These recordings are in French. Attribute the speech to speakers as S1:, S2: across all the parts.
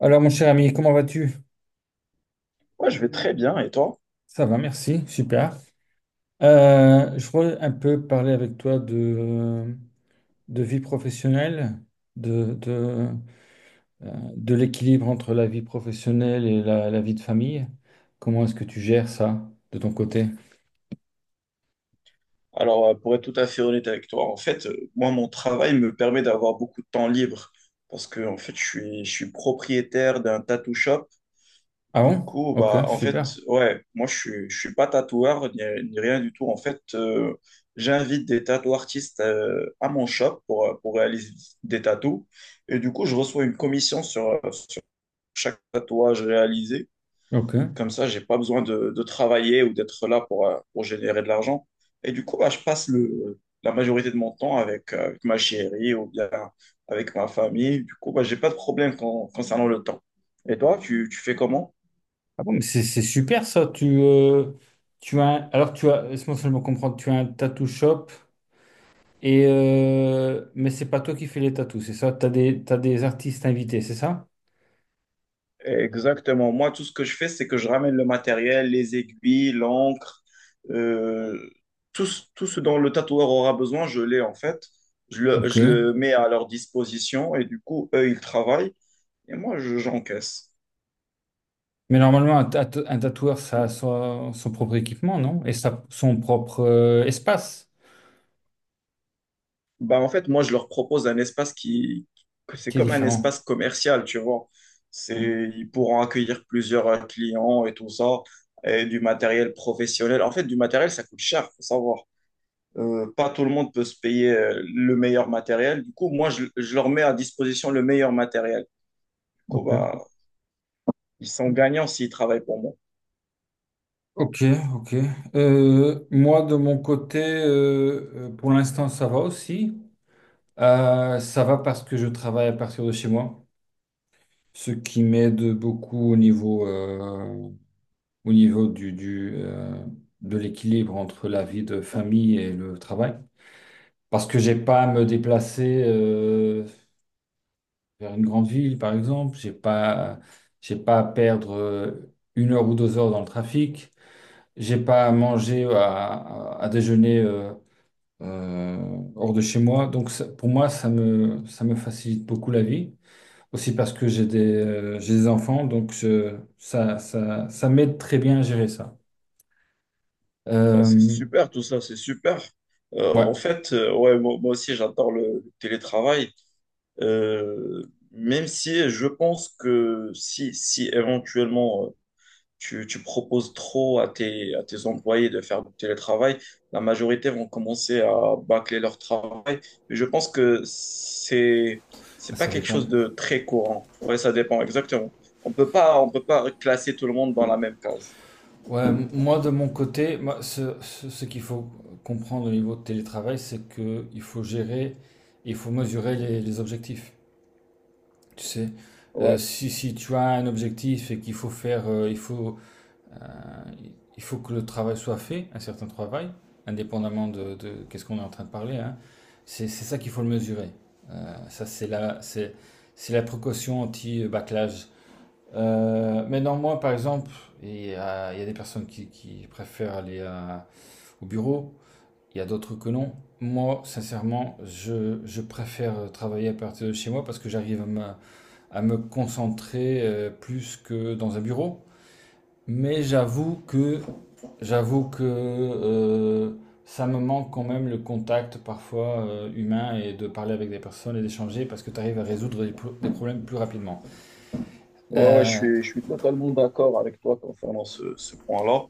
S1: Alors, mon cher ami, comment vas-tu?
S2: Moi, je vais très bien, et toi?
S1: Ça va, merci, super. Je voudrais un peu parler avec toi de vie professionnelle, de, de, de l'équilibre entre la vie professionnelle et la vie de famille. Comment est-ce que tu gères ça de ton côté?
S2: Alors, pour être tout à fait honnête avec toi, en fait, moi, mon travail me permet d'avoir beaucoup de temps libre parce que, en fait, je suis propriétaire d'un tattoo shop.
S1: Ah
S2: Du
S1: bon?
S2: coup,
S1: Ok,
S2: bah, en fait,
S1: super.
S2: ouais, moi, je suis pas tatoueur ni rien du tout. En fait, j'invite des tattoo artistes à mon shop pour réaliser des tattoos. Et du coup, je reçois une commission sur chaque tatouage réalisé.
S1: Ok.
S2: Comme ça, j'ai pas besoin de travailler ou d'être là pour générer de l'argent. Et du coup, bah, je passe la majorité de mon temps avec, avec ma chérie ou bien avec ma famille. Du coup, bah, j'ai pas de problème concernant le temps. Et toi, tu fais comment?
S1: Ah bon, mais c'est super ça. Alors, tu as, laisse-moi seulement comprendre, tu as un tattoo shop. Mais c'est pas toi qui fais les tatous, c'est ça? T'as des artistes invités, c'est ça?
S2: Exactement. Moi, tout ce que je fais, c'est que je ramène le matériel, les aiguilles, l'encre, euh, tout, tout ce dont le tatoueur aura besoin, je l'ai en fait. Je le,
S1: Ok.
S2: je le mets à leur disposition et du coup, eux, ils travaillent et moi, j'encaisse.
S1: Mais normalement, un tatoueur, ça a son propre équipement, non? Et son propre espace
S2: Bah, en fait, moi, je leur propose un espace que c'est
S1: qui est
S2: comme un
S1: différent.
S2: espace commercial, tu vois.
S1: Mm.
S2: C'est, ils pourront accueillir plusieurs clients et tout ça, et du matériel professionnel. En fait, du matériel, ça coûte cher, faut savoir. Pas tout le monde peut se payer le meilleur matériel. Du coup, moi, je leur mets à disposition le meilleur matériel. Du coup, bah,
S1: Ok,
S2: ils sont gagnants s'ils travaillent pour moi.
S1: ok. Ok. Moi, de mon côté, pour l'instant, ça va aussi. Ça va parce que je travaille à partir de chez moi, ce qui m'aide beaucoup au niveau de l'équilibre entre la vie de famille et le travail. Parce que j'ai pas à me déplacer vers une grande ville, par exemple. J'ai pas à perdre 1 heure ou 2 heures dans le trafic. J'ai pas à manger, à déjeuner euh, hors de chez moi. Donc pour moi, ça me facilite beaucoup la vie. Aussi parce que j'ai des enfants, donc ça m'aide très bien à gérer ça.
S2: Bah, c'est
S1: Euh,
S2: super, tout ça, c'est super.
S1: ouais.
S2: Ouais, moi, moi aussi, j'adore le télétravail. Euh, même si je pense que si, si éventuellement tu proposes trop à tes employés de faire du télétravail, la majorité vont commencer à bâcler leur travail. Je pense que c'est pas
S1: Ça
S2: quelque
S1: dépend.
S2: chose de très courant. Ouais, ça dépend exactement. On peut pas classer tout le monde dans la même case.
S1: Ouais, moi de mon côté, moi, ce qu'il faut comprendre au niveau de télétravail, c'est que il faut mesurer les objectifs. Tu sais,
S2: Ouais,
S1: si tu as un objectif et qu'il faut faire, il faut que le travail soit fait, un certain travail, indépendamment de qu'est-ce qu'on est en train de parler, hein, c'est ça qu'il faut le mesurer. Ça, c'est la, C'est la précaution anti-backlash. Mais non, moi, par exemple, il y a des personnes qui préfèrent aller au bureau, il y a d'autres que non. Moi, sincèrement, je préfère travailler à partir de chez moi parce que j'arrive à me concentrer plus que dans un bureau. Mais j'avoue que ça me manque quand même le contact parfois humain et de parler avec des personnes et d'échanger parce que tu arrives à résoudre des problèmes plus rapidement.
S2: ouais, ouais, je
S1: Euh,
S2: suis, je suis totalement d'accord avec toi concernant ce, ce point-là.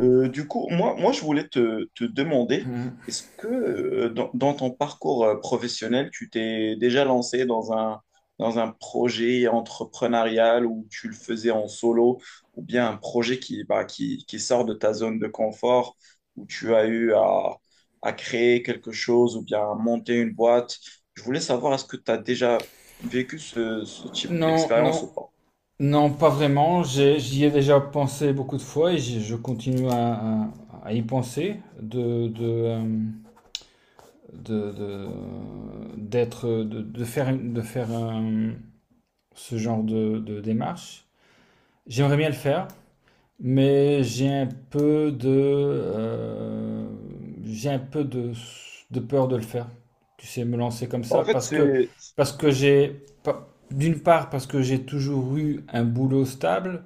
S2: Du coup, moi, je voulais te demander,
S1: hum,
S2: est-ce que dans, dans ton parcours professionnel, tu t'es déjà lancé dans un projet entrepreneurial où tu le faisais en solo, ou bien un projet qui, bah, qui sort de ta zone de confort, où tu as eu à créer quelque chose, ou bien à monter une boîte? Je voulais savoir, est-ce que tu as déjà vécu ce, ce type
S1: non,
S2: d'expérience
S1: non,
S2: ou pas?
S1: non, pas vraiment. J'y ai déjà pensé beaucoup de fois et je continue à- à y penser, de, de, euh, de, de- de faire ce genre de démarche. J'aimerais bien le faire, mais j'ai un peu de peur de le faire. Tu sais, me lancer comme
S2: Bah, en
S1: ça
S2: fait,
S1: parce que,
S2: c'est...
S1: parce que j'ai, pas- d'une part, parce que j'ai toujours eu un boulot stable.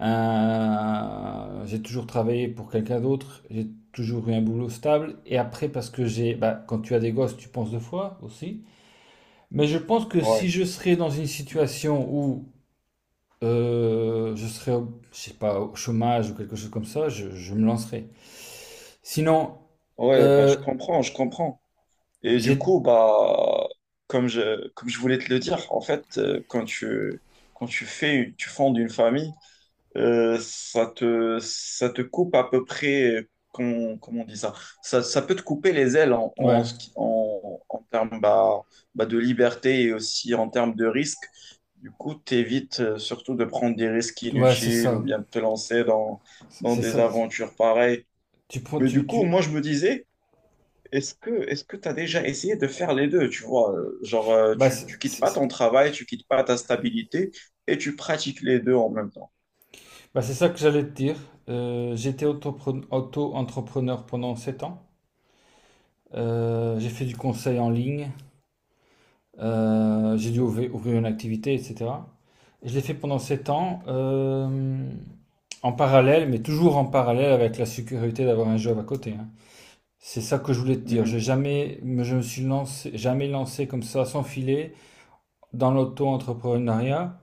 S1: J'ai toujours travaillé pour quelqu'un d'autre, j'ai toujours eu un boulot stable. Et après, parce que bah, quand tu as des gosses, tu penses deux fois aussi. Mais je pense que si
S2: Ouais,
S1: je serais dans une situation où je sais pas, au chômage ou quelque chose comme ça, je me lancerais. Sinon,
S2: ouais, bah,
S1: euh,
S2: je comprends. Et du
S1: j'ai,
S2: coup, bah, comme je voulais te le dire, en fait, quand quand tu fais, tu fondes une famille, ça te coupe à peu près, comment, comment on dit ça? Ça peut te couper les ailes en,
S1: ouais,
S2: en, ce qui- en, en termes bah, bah, de liberté et aussi en termes de risque. Du coup, t'évites surtout de prendre des risques
S1: ouais, c'est
S2: inutiles ou
S1: ça,
S2: bien de te lancer dans, dans
S1: c'est
S2: des
S1: ça.
S2: aventures pareilles.
S1: Tu prends,
S2: Mais
S1: tu,
S2: du coup,
S1: tu,
S2: moi, je me disais, est-ce que tu as déjà essayé de faire les deux, tu vois, genre,
S1: bah,
S2: tu quittes pas
S1: c'est-
S2: ton travail, tu quittes pas ta stabilité et tu pratiques les deux en même temps.
S1: Bah, c'est ça que j'allais te dire. J'étais auto-entrepreneur pendant 7 ans. J'ai fait du conseil en ligne, j'ai dû ouvrir une activité, etc. Et je l'ai fait pendant 7 ans, en parallèle, mais toujours en parallèle avec la sécurité d'avoir un job à côté, hein. C'est ça que je voulais te dire.
S2: Mhm.
S1: J'ai jamais, Je me suis lancé, jamais lancé comme ça, sans filet, dans l'auto-entrepreneuriat,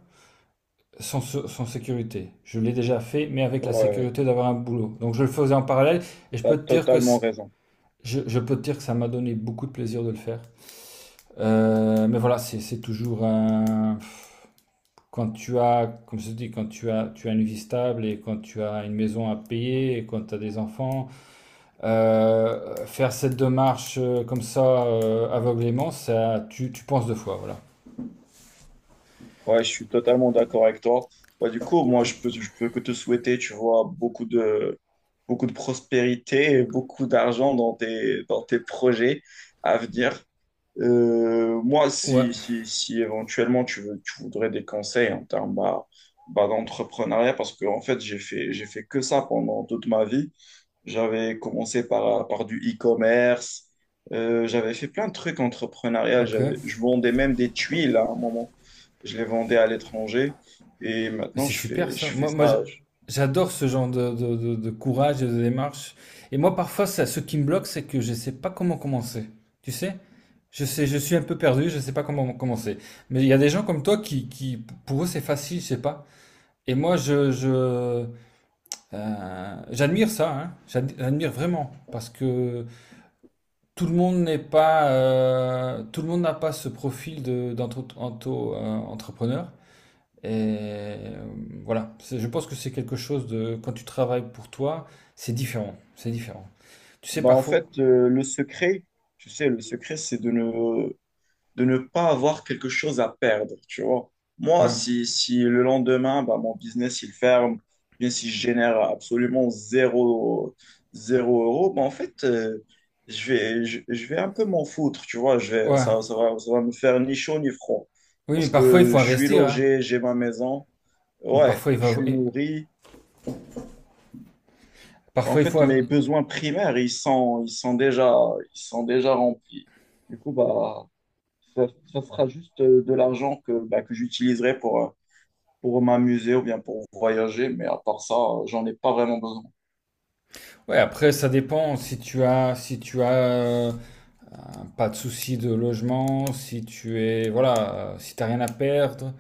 S1: sans, sans sécurité. Je l'ai déjà fait, mais avec la
S2: Ouais,
S1: sécurité d'avoir un boulot. Donc je le faisais en parallèle, et
S2: tu as totalement raison.
S1: je peux te dire que ça m'a donné beaucoup de plaisir de le faire. Mais voilà, c'est toujours un... Comme je te dis, quand tu as une vie stable et quand tu as une maison à payer et quand tu as des enfants, faire cette démarche comme ça aveuglément, ça, tu penses deux fois, voilà.
S2: Ouais, je suis totalement d'accord avec toi. Ouais, du coup, moi je peux que te souhaiter, tu vois, beaucoup de prospérité et beaucoup d'argent dans tes projets à venir. Moi,
S1: Ouais,
S2: si éventuellement tu voudrais des conseils en termes bah, bah, d'entrepreneuriat, parce que en fait, j'ai fait que ça pendant toute ma vie. J'avais commencé par du e-commerce, j'avais fait plein de trucs entrepreneurial.
S1: ok.
S2: Je vendais même des tuiles à un moment. Je les vendais à l'étranger et
S1: Mais
S2: maintenant
S1: c'est super ça.
S2: je fais
S1: Moi,
S2: ça. Je-
S1: j'adore ce genre de courage et de démarche. Et moi, parfois, ce qui me bloque, c'est que je ne sais pas comment commencer. Tu sais? Je sais, je suis un peu perdu, je ne sais pas comment commencer. Mais il y a des gens comme toi qui pour eux, c'est facile, je sais pas. Et moi, j'admire ça, hein. J'admire vraiment. Parce que tout le monde n'est pas, tout le monde n'a pas ce profil entrepreneur. Et euh, voilà. Je pense que c'est quelque chose de... Quand tu travailles pour toi, c'est différent. C'est différent. Tu sais,
S2: Bah, en
S1: parfois...
S2: fait, le secret, tu sais, le secret, c'est de ne pas avoir quelque chose à perdre, tu vois. Moi,
S1: Ouais,
S2: si le lendemain, bah, mon business, il ferme, bien si je génère absolument zéro, zéro euro, bah, en fait, je vais un peu m'en foutre, tu vois. Je vais,
S1: ouais.
S2: ça va me faire ni chaud ni froid.
S1: Oui, mais
S2: Parce
S1: parfois, il
S2: que
S1: faut
S2: je suis
S1: investir, hein.
S2: logé, j'ai ma maison, ouais,
S1: Parfois, il
S2: je suis
S1: faut...
S2: nourri. Bah, en
S1: Parfois, il faut...
S2: fait, mes besoins primaires, ils sont déjà remplis. Du coup, bah, Ça, ça sera juste de l'argent que, bah, que j'utiliserai pour m'amuser ou bien pour voyager, mais à part ça, j'en ai pas vraiment besoin.
S1: Ouais, après, ça dépend si tu as... Si tu as pas de soucis de logement, si tu es... Voilà. Si t'as rien à perdre,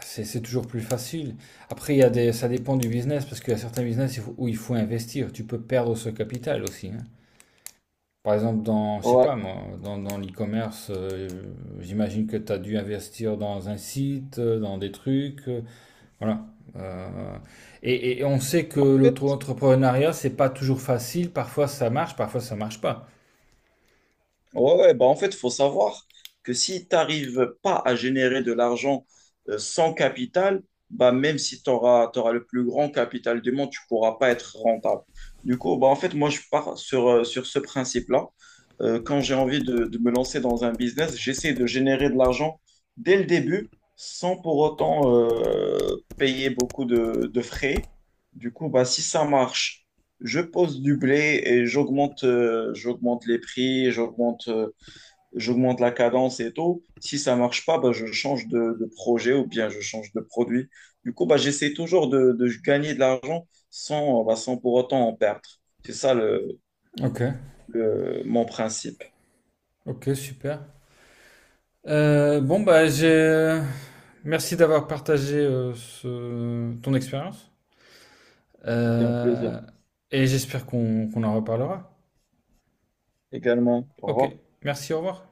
S1: c'est toujours plus facile. Après, il y a des... Ça dépend du business, parce qu'il y a certains business où il faut investir. Tu peux perdre ce capital aussi, hein. Par exemple, je sais pas
S2: Ouais.
S1: moi, dans l'e-commerce, j'imagine que tu as dû investir dans un site, dans des trucs, voilà. Euh, et on sait que
S2: En fait,
S1: l'auto-entrepreneuriat, c'est pas toujours facile. Parfois ça marche pas.
S2: ouais, ouais, bah en fait, il faut savoir que si tu n'arrives pas à générer de l'argent sans capital, bah même si tu auras, le plus grand capital du monde, tu pourras pas être rentable. Du coup, bah en fait, moi, je pars sur, sur ce principe-là. Quand j'ai envie de me lancer dans un business, j'essaie de générer de l'argent dès le début sans pour autant payer beaucoup de frais. Du coup, bah, si ça marche je pose du blé et j'augmente j'augmente les prix, j'augmente j'augmente la cadence et tout. Si ça marche pas, bah, je change de projet ou bien je change de produit. Du coup, bah, j'essaie toujours de gagner de l'argent sans, bah, sans pour autant en perdre. C'est ça
S1: Ok,
S2: mon principe.
S1: ok, super. Bon, bah merci d'avoir partagé ton expérience.
S2: C'était un plaisir.
S1: Euh, et j'espère qu'on en reparlera.
S2: Également, au
S1: Ok,
S2: revoir.
S1: merci, au revoir.